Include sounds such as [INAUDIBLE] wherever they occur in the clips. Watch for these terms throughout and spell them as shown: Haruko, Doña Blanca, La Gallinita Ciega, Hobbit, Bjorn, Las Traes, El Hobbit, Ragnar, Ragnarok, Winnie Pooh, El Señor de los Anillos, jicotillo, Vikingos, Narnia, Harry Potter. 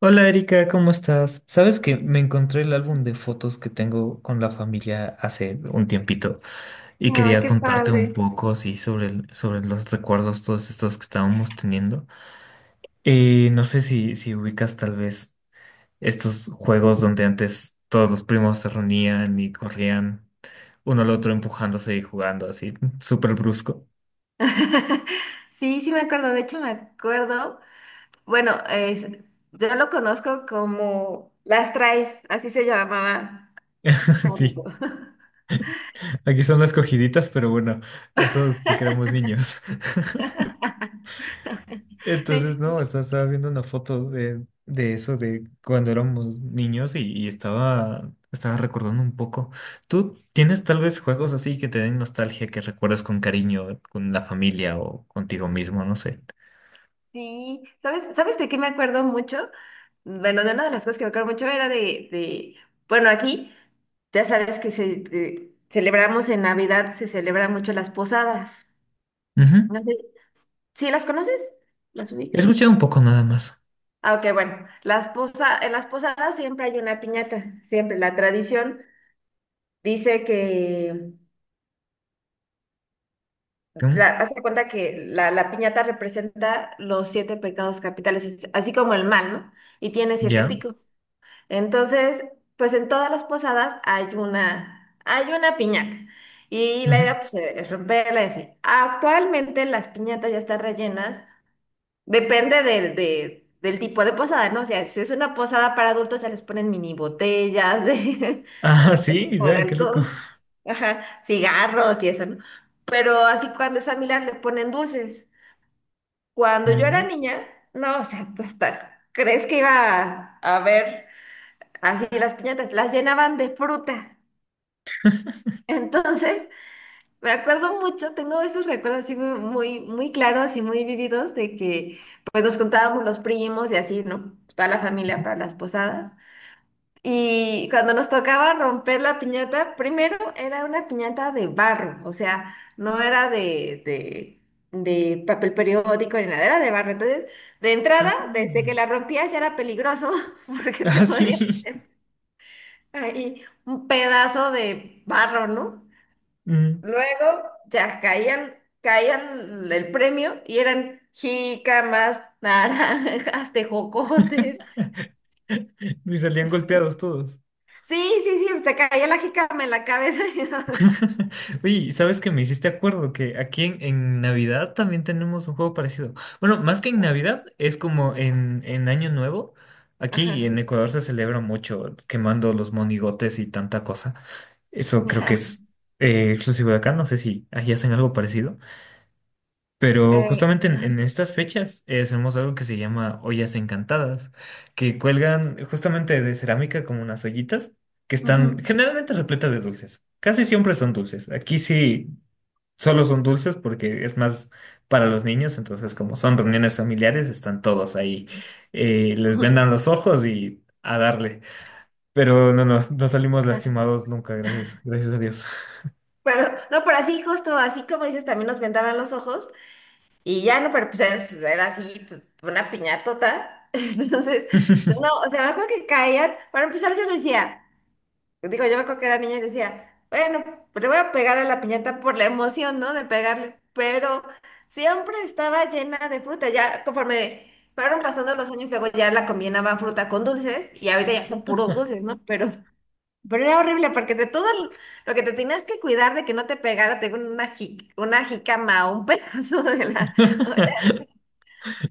Hola Erika, ¿cómo estás? Sabes que me encontré el álbum de fotos que tengo con la familia hace un tiempito y Ay, quería qué contarte un padre. poco así sobre, sobre los recuerdos, todos estos que estábamos teniendo. No sé si ubicas tal vez estos juegos donde antes todos los primos se reunían y corrían uno al otro empujándose y jugando así, súper brusco. [LAUGHS] Sí, sí me acuerdo, de hecho me acuerdo, bueno, es, yo lo conozco como Las Traes, así se llamaba [LAUGHS] Sí, Haruko. [LAUGHS] aquí son las cogiditas, pero bueno, eso es porque éramos niños. [LAUGHS] Entonces, Sí, sí, no, estaba viendo una foto de eso, de cuando éramos niños y estaba recordando un poco. ¿Tú tienes tal vez juegos así que te den nostalgia, que recuerdas con cariño, con la familia o contigo mismo? No sé. sí. ¿Sabes, sabes de qué me acuerdo mucho? Bueno, de una de las cosas que me acuerdo mucho era de bueno, aquí ya sabes que celebramos en Navidad, se celebran mucho las posadas. Ujú. No sé, ¿sí las conoces? ¿Las He ubicas? escuchado un poco nada más. Ah, ok, bueno, en las posadas siempre hay una piñata, siempre. La tradición dice que, ¿Mm? Haz de cuenta que la piñata representa los siete pecados capitales, así como el mal, ¿no? Y tiene siete ¿Ya? picos. Entonces, pues en todas las posadas hay una piñata. Y la Ujú. idea, pues, [LAUGHS] es romperla y así. Actualmente las piñatas ya están rellenas. Depende del tipo de posada, ¿no? O sea, si es una posada para adultos, ya les ponen mini botellas de, Ah, [LAUGHS] de sí, tipo de vea, qué loco. alcohol, ajá, cigarros y eso, ¿no? Pero así cuando es familiar le ponen dulces. Cuando yo era Ujú. niña, no, o sea, hasta crees que iba a ver, así las piñatas, las llenaban de fruta. [LAUGHS] Entonces, me acuerdo mucho, tengo esos recuerdos así muy, muy, muy claros y muy vividos de que pues nos juntábamos los primos y así, ¿no? Toda la familia para las posadas. Y cuando nos tocaba romper la piñata, primero era una piñata de barro, o sea, no era de papel periódico ni nada, era de barro. Entonces, de entrada, Ah, desde que la rompías ya era peligroso [LAUGHS] porque te ah, sí. podía [LAUGHS] ahí un pedazo de barro, ¿no? Mm. Luego ya caían, caían el premio y eran jícamas, [LAUGHS] naranjas, tejocotes. Y salían golpeados todos. Sí, sí, sí, se caía la jícama en la cabeza. [LAUGHS] [LAUGHS] Oye, ¿y ¿sabes que me hiciste acuerdo? Que aquí en Navidad también tenemos un juego parecido. Bueno, más que en Navidad, es como en Año Nuevo. Aquí Ajá, en Ecuador se celebra mucho quemando los monigotes y tanta cosa. Eso creo que ajá, es exclusivo de acá. No sé si allí hacen algo parecido. Pero justamente ajá, en estas fechas hacemos algo que se llama ollas encantadas, que cuelgan justamente de cerámica como unas ollitas que están ujú, generalmente repletas de dulces. Casi siempre son dulces. Aquí sí solo son dulces porque es más para los niños, entonces como son reuniones familiares, están todos ahí. Les ujú, vendan los ojos y a darle. Pero no salimos ajá. lastimados nunca, gracias a Dios. Pero, no, pero así justo, así como dices, también nos vendaban los ojos y ya no, pero pues era así, pues, una piñatota. [LAUGHS] Entonces, no, o sea, me acuerdo que caían, para empezar yo decía... Digo, yo me acuerdo que era niña y decía, bueno, pues le voy a pegar a la piñata por la emoción, ¿no? De pegarle, pero siempre estaba llena de fruta. Ya conforme fueron pasando los años, luego ya la combinaban fruta con dulces y ahorita ya son puros dulces, ¿no? Pero era horrible porque de todo lo que te tenías que cuidar de que no te pegara, tengo una, una jicama o un [LAUGHS] pedazo de la... [LAUGHS]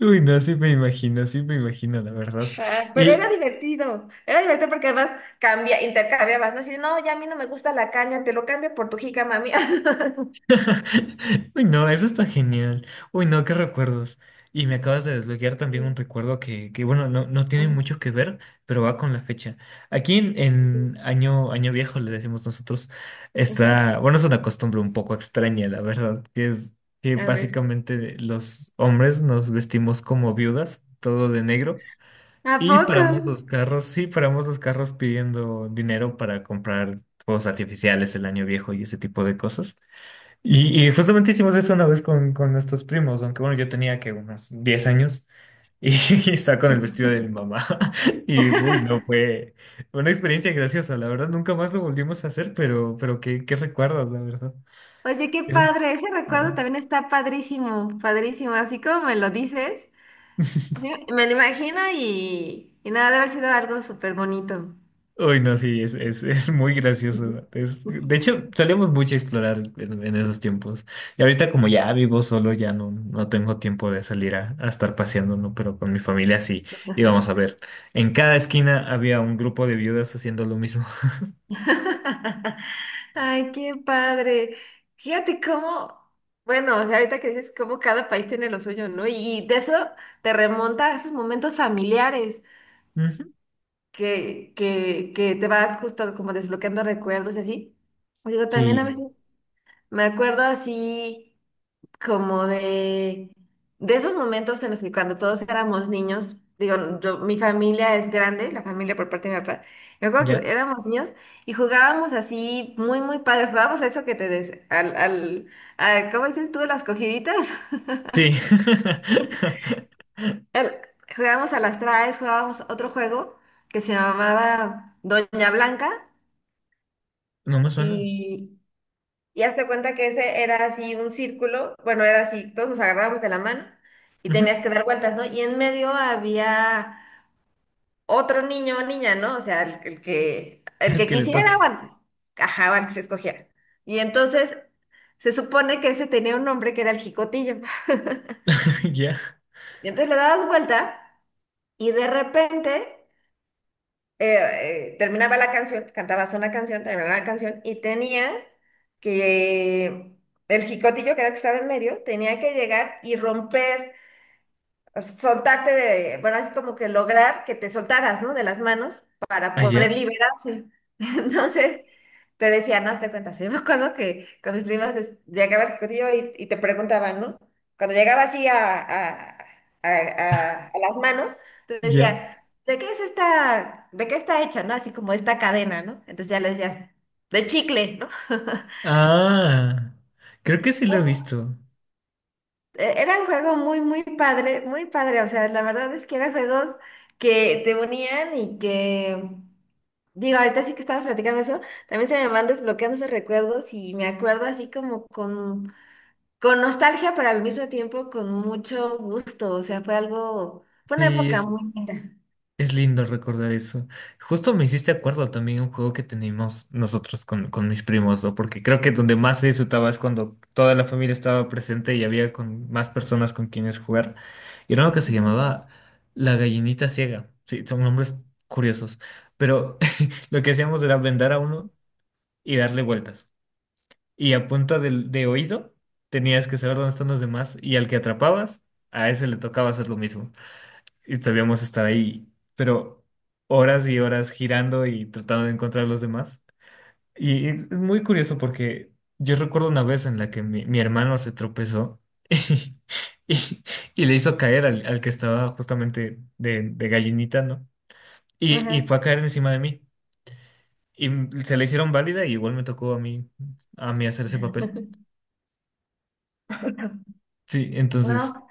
Uy, no, sí me imagino, la verdad. Ajá, pero Y, era divertido porque además cambia, intercambiabas, ¿no? Así, no, ya a mí no me gusta la caña, te lo cambio por tu jícama mía. [LAUGHS] [LAUGHS] uy, no, eso está genial. Uy, no, qué recuerdos. Y me acabas de desbloquear también un Sí, recuerdo que bueno, no, no a tiene ver. mucho que ver, pero va con la fecha. Aquí Ujú. Año viejo, le decimos nosotros, está, bueno, es una costumbre un poco extraña, la verdad, que A ver. básicamente los hombres nos vestimos como viudas, todo de negro. ¿A Y poco? paramos los carros, sí, paramos los carros pidiendo dinero para comprar fuegos artificiales, el año viejo y ese tipo de cosas. Y justamente hicimos eso una vez con nuestros primos, aunque bueno, yo tenía que unos 10 años y, [LAUGHS] y estaba con el vestido de mi mamá. [LAUGHS] Y uy, no, fue una experiencia graciosa, la verdad, nunca más lo volvimos a hacer, pero qué, qué recuerdos, la verdad. Oye, qué Es un- padre. Ese recuerdo también está padrísimo, padrísimo. Así como me lo dices, sí, me lo imagino y nada, debe haber sido algo súper bonito. Uy, no, sí, es muy Ujú. gracioso. De hecho, solíamos mucho explorar en esos tiempos. Y ahorita como ya vivo solo, ya no, no tengo tiempo de salir a estar paseando, ¿no? Pero con mi familia sí íbamos a ver. En cada esquina había un grupo de viudas haciendo lo mismo. [LAUGHS] Ay, qué padre. Fíjate cómo, bueno, o sea, ahorita que dices cómo cada país tiene lo suyo, ¿no? Y de eso te remonta a esos momentos familiares, [LAUGHS] Ujú. que, que te va justo como desbloqueando recuerdos y así. Digo, también a Sí, veces me acuerdo así como de esos momentos en los que cuando todos éramos niños, digo, yo, mi familia es grande, la familia por parte de mi papá, me acuerdo que ya. éramos niños y jugábamos así muy, muy padre, jugábamos a eso que te des, ¿cómo dices tú? Las cogiditas. [LAUGHS] Sí. [LAUGHS] El- Jugábamos a las traes, jugábamos otro juego que se llamaba Doña Blanca. No me suena. Y, y hazte cuenta que ese era así un círculo, bueno, era así, todos nos agarrábamos de la mano y Ujú. tenías que dar vueltas, ¿no? Y en medio había otro niño o niña, ¿no? O sea, el El que que le quisiera o toque. al, ajá, o al que se escogiera. Y entonces se supone que ese tenía un nombre que era el jicotillo. [LAUGHS] [LAUGHS] Ya. Y entonces le dabas vuelta y de repente terminaba la canción, cantabas una canción, terminaba la canción y tenías que, el jicotillo que era el que estaba en medio, tenía que llegar y romper, soltarte de, bueno, así como que lograr que te soltaras, ¿no? De las manos para poder Allá. liberarse. [LAUGHS] Entonces, te decía, no, te cuentas. Yo me acuerdo que con mis primas llegaba al ejecutiva y te preguntaban, ¿no? Cuando llegaba así a las manos, te Ya. decía, ¿de qué es esta, de qué está hecha, ¿no? Así como esta cadena, ¿no? Entonces ya le decías, de chicle, ¿no? [LAUGHS] Ah, creo que sí lo he visto. Era un juego muy, muy padre, muy padre. O sea, la verdad es que eran juegos que te unían y que, digo, ahorita sí que estabas platicando eso, también se me van desbloqueando esos recuerdos y me acuerdo así como con nostalgia, pero al mismo tiempo con mucho gusto. O sea, fue algo, fue una Sí, época es, muy linda. Es lindo recordar eso. Justo me hiciste acuerdo también a un juego que teníamos nosotros con mis primos, ¿no? Porque creo que donde más se disfrutaba es cuando toda la familia estaba presente y había con más personas con quienes jugar. Y era uno que se Ujú. llamaba La Gallinita Ciega. Sí, son nombres curiosos. Pero [LAUGHS] lo que hacíamos era vendar a uno y darle vueltas. Y a punta oído tenías que saber dónde están los demás y al que atrapabas, a ese le tocaba hacer lo mismo y sabíamos estar ahí, pero horas y horas girando y tratando de encontrar a los demás. Y es muy curioso porque yo recuerdo una vez en la que mi hermano se tropezó [LAUGHS] y, y- y le hizo caer al que estaba justamente de gallinita, ¿no? Y Ajá. fue a caer encima de mí. Y se le hicieron válida y igual me tocó a mí hacer ese papel. Sí, entonces No,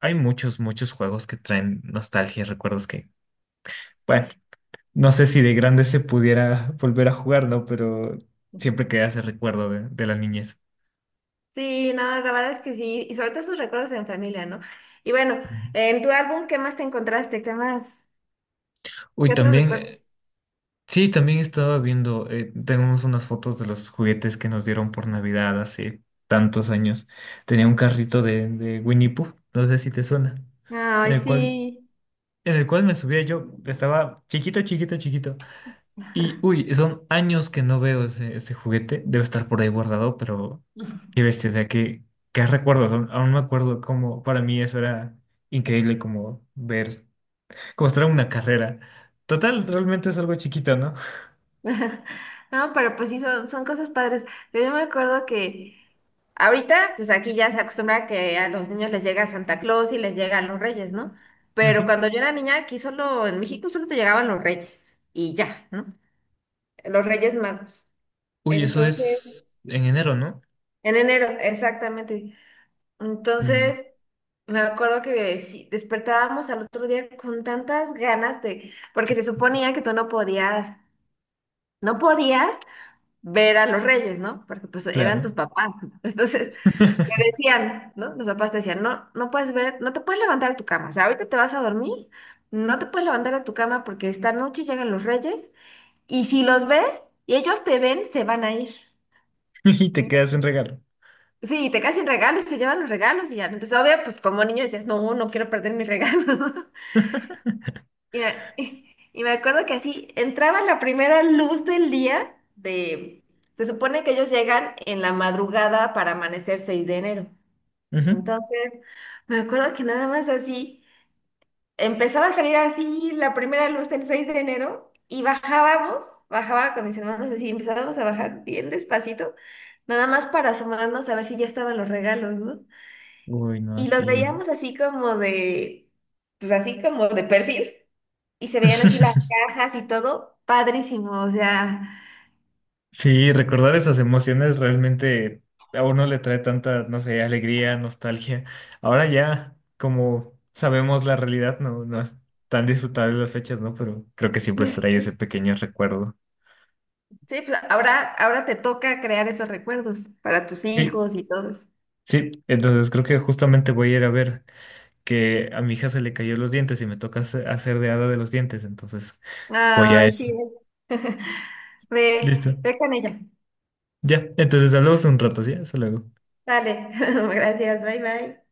hay muchos, muchos juegos que traen nostalgia y recuerdos que, bueno. No sé si de grande se pudiera volver a jugar, ¿no? Pero siempre queda ese recuerdo de la niñez. sí, no, la verdad es que sí. Y sobre todo esos recuerdos en familia, ¿no? Y bueno, Ujú. en tu álbum, ¿qué más te encontraste? ¿Qué más? Uy, ¿Qué otro también, recuerdo? Sí, también estaba viendo, tenemos unas fotos de los juguetes que nos dieron por Navidad hace tantos años. Tenía un carrito de Winnie Pooh, no sé si te suena, en Ay, el cual, sí. en el cual me subía yo, estaba chiquito, chiquito, chiquito. Y, uy, son años que no veo ese juguete, debe estar por ahí guardado, pero... [LAUGHS] Qué bestia, o sea, qué, qué recuerdos. Aún me acuerdo cómo para mí eso era increíble, como ver, [LAUGHS] como estar en una carrera. Total, realmente es algo chiquito, ¿no? No, pero pues sí, son, son cosas padres. Yo me acuerdo que ahorita, pues aquí ya se acostumbra que a los niños les llega Santa Claus y les llegan los reyes, ¿no? Pero Ujú. cuando yo era niña, aquí solo, en México solo te llegaban los reyes y ya, ¿no? Los reyes magos. Uy, eso Entonces, es en enero, ¿no? en enero, exactamente. Mm, Entonces, me acuerdo que sí, despertábamos al otro día con tantas ganas de, porque se suponía que tú no podías. No podías ver a los reyes, ¿no? Porque pues eran tus claro. papás. [LAUGHS] Entonces, ¿qué [LAUGHS] decían, ¿no? Los papás te decían, no, no puedes ver, no te puedes levantar de tu cama. O sea, ahorita te vas a dormir, no te puedes levantar de tu cama porque esta noche llegan los reyes y si los ves y ellos te ven, se van a ir. Y te Y- quedas en regalo. Sí, y te caen sin regalos, se llevan los regalos y ya. Entonces, obvio, pues como niño decías, no, no quiero perder mis regalos. [LAUGHS] Y me, [LAUGHS] y me acuerdo que así entraba la primera luz del día de... Se supone que ellos llegan en la madrugada para amanecer 6 de enero. Ujú. Entonces, me acuerdo que nada más así, empezaba a salir así la primera luz del 6 de enero y bajábamos, bajaba con mis hermanos así, empezábamos a bajar bien despacito, nada más para asomarnos a ver si ya estaban los regalos, ¿no? Uy, no, Y los sí. veíamos así como de, pues así como de perfil, y se veían así las [LAUGHS] cajas y todo, padrísimo, o sea, Sí, recordar esas emociones realmente a uno le trae tanta, no sé, alegría, nostalgia. Ahora ya, como sabemos la realidad, no, no es tan disfrutable las fechas, ¿no? Pero creo que siempre trae ese sí, pequeño recuerdo. pues ahora, ahora te toca crear esos recuerdos para tus Sí, hijos y todos. sí, entonces creo que justamente voy a ir a ver que a mi hija se le cayó los dientes y me toca hacer de hada de los dientes, entonces voy a Ay, eso. sí, ve, Listo. ve con ella. Ya, entonces hablamos un rato, ¿sí? Hasta luego. Dale, [LAUGHS] gracias, bye bye.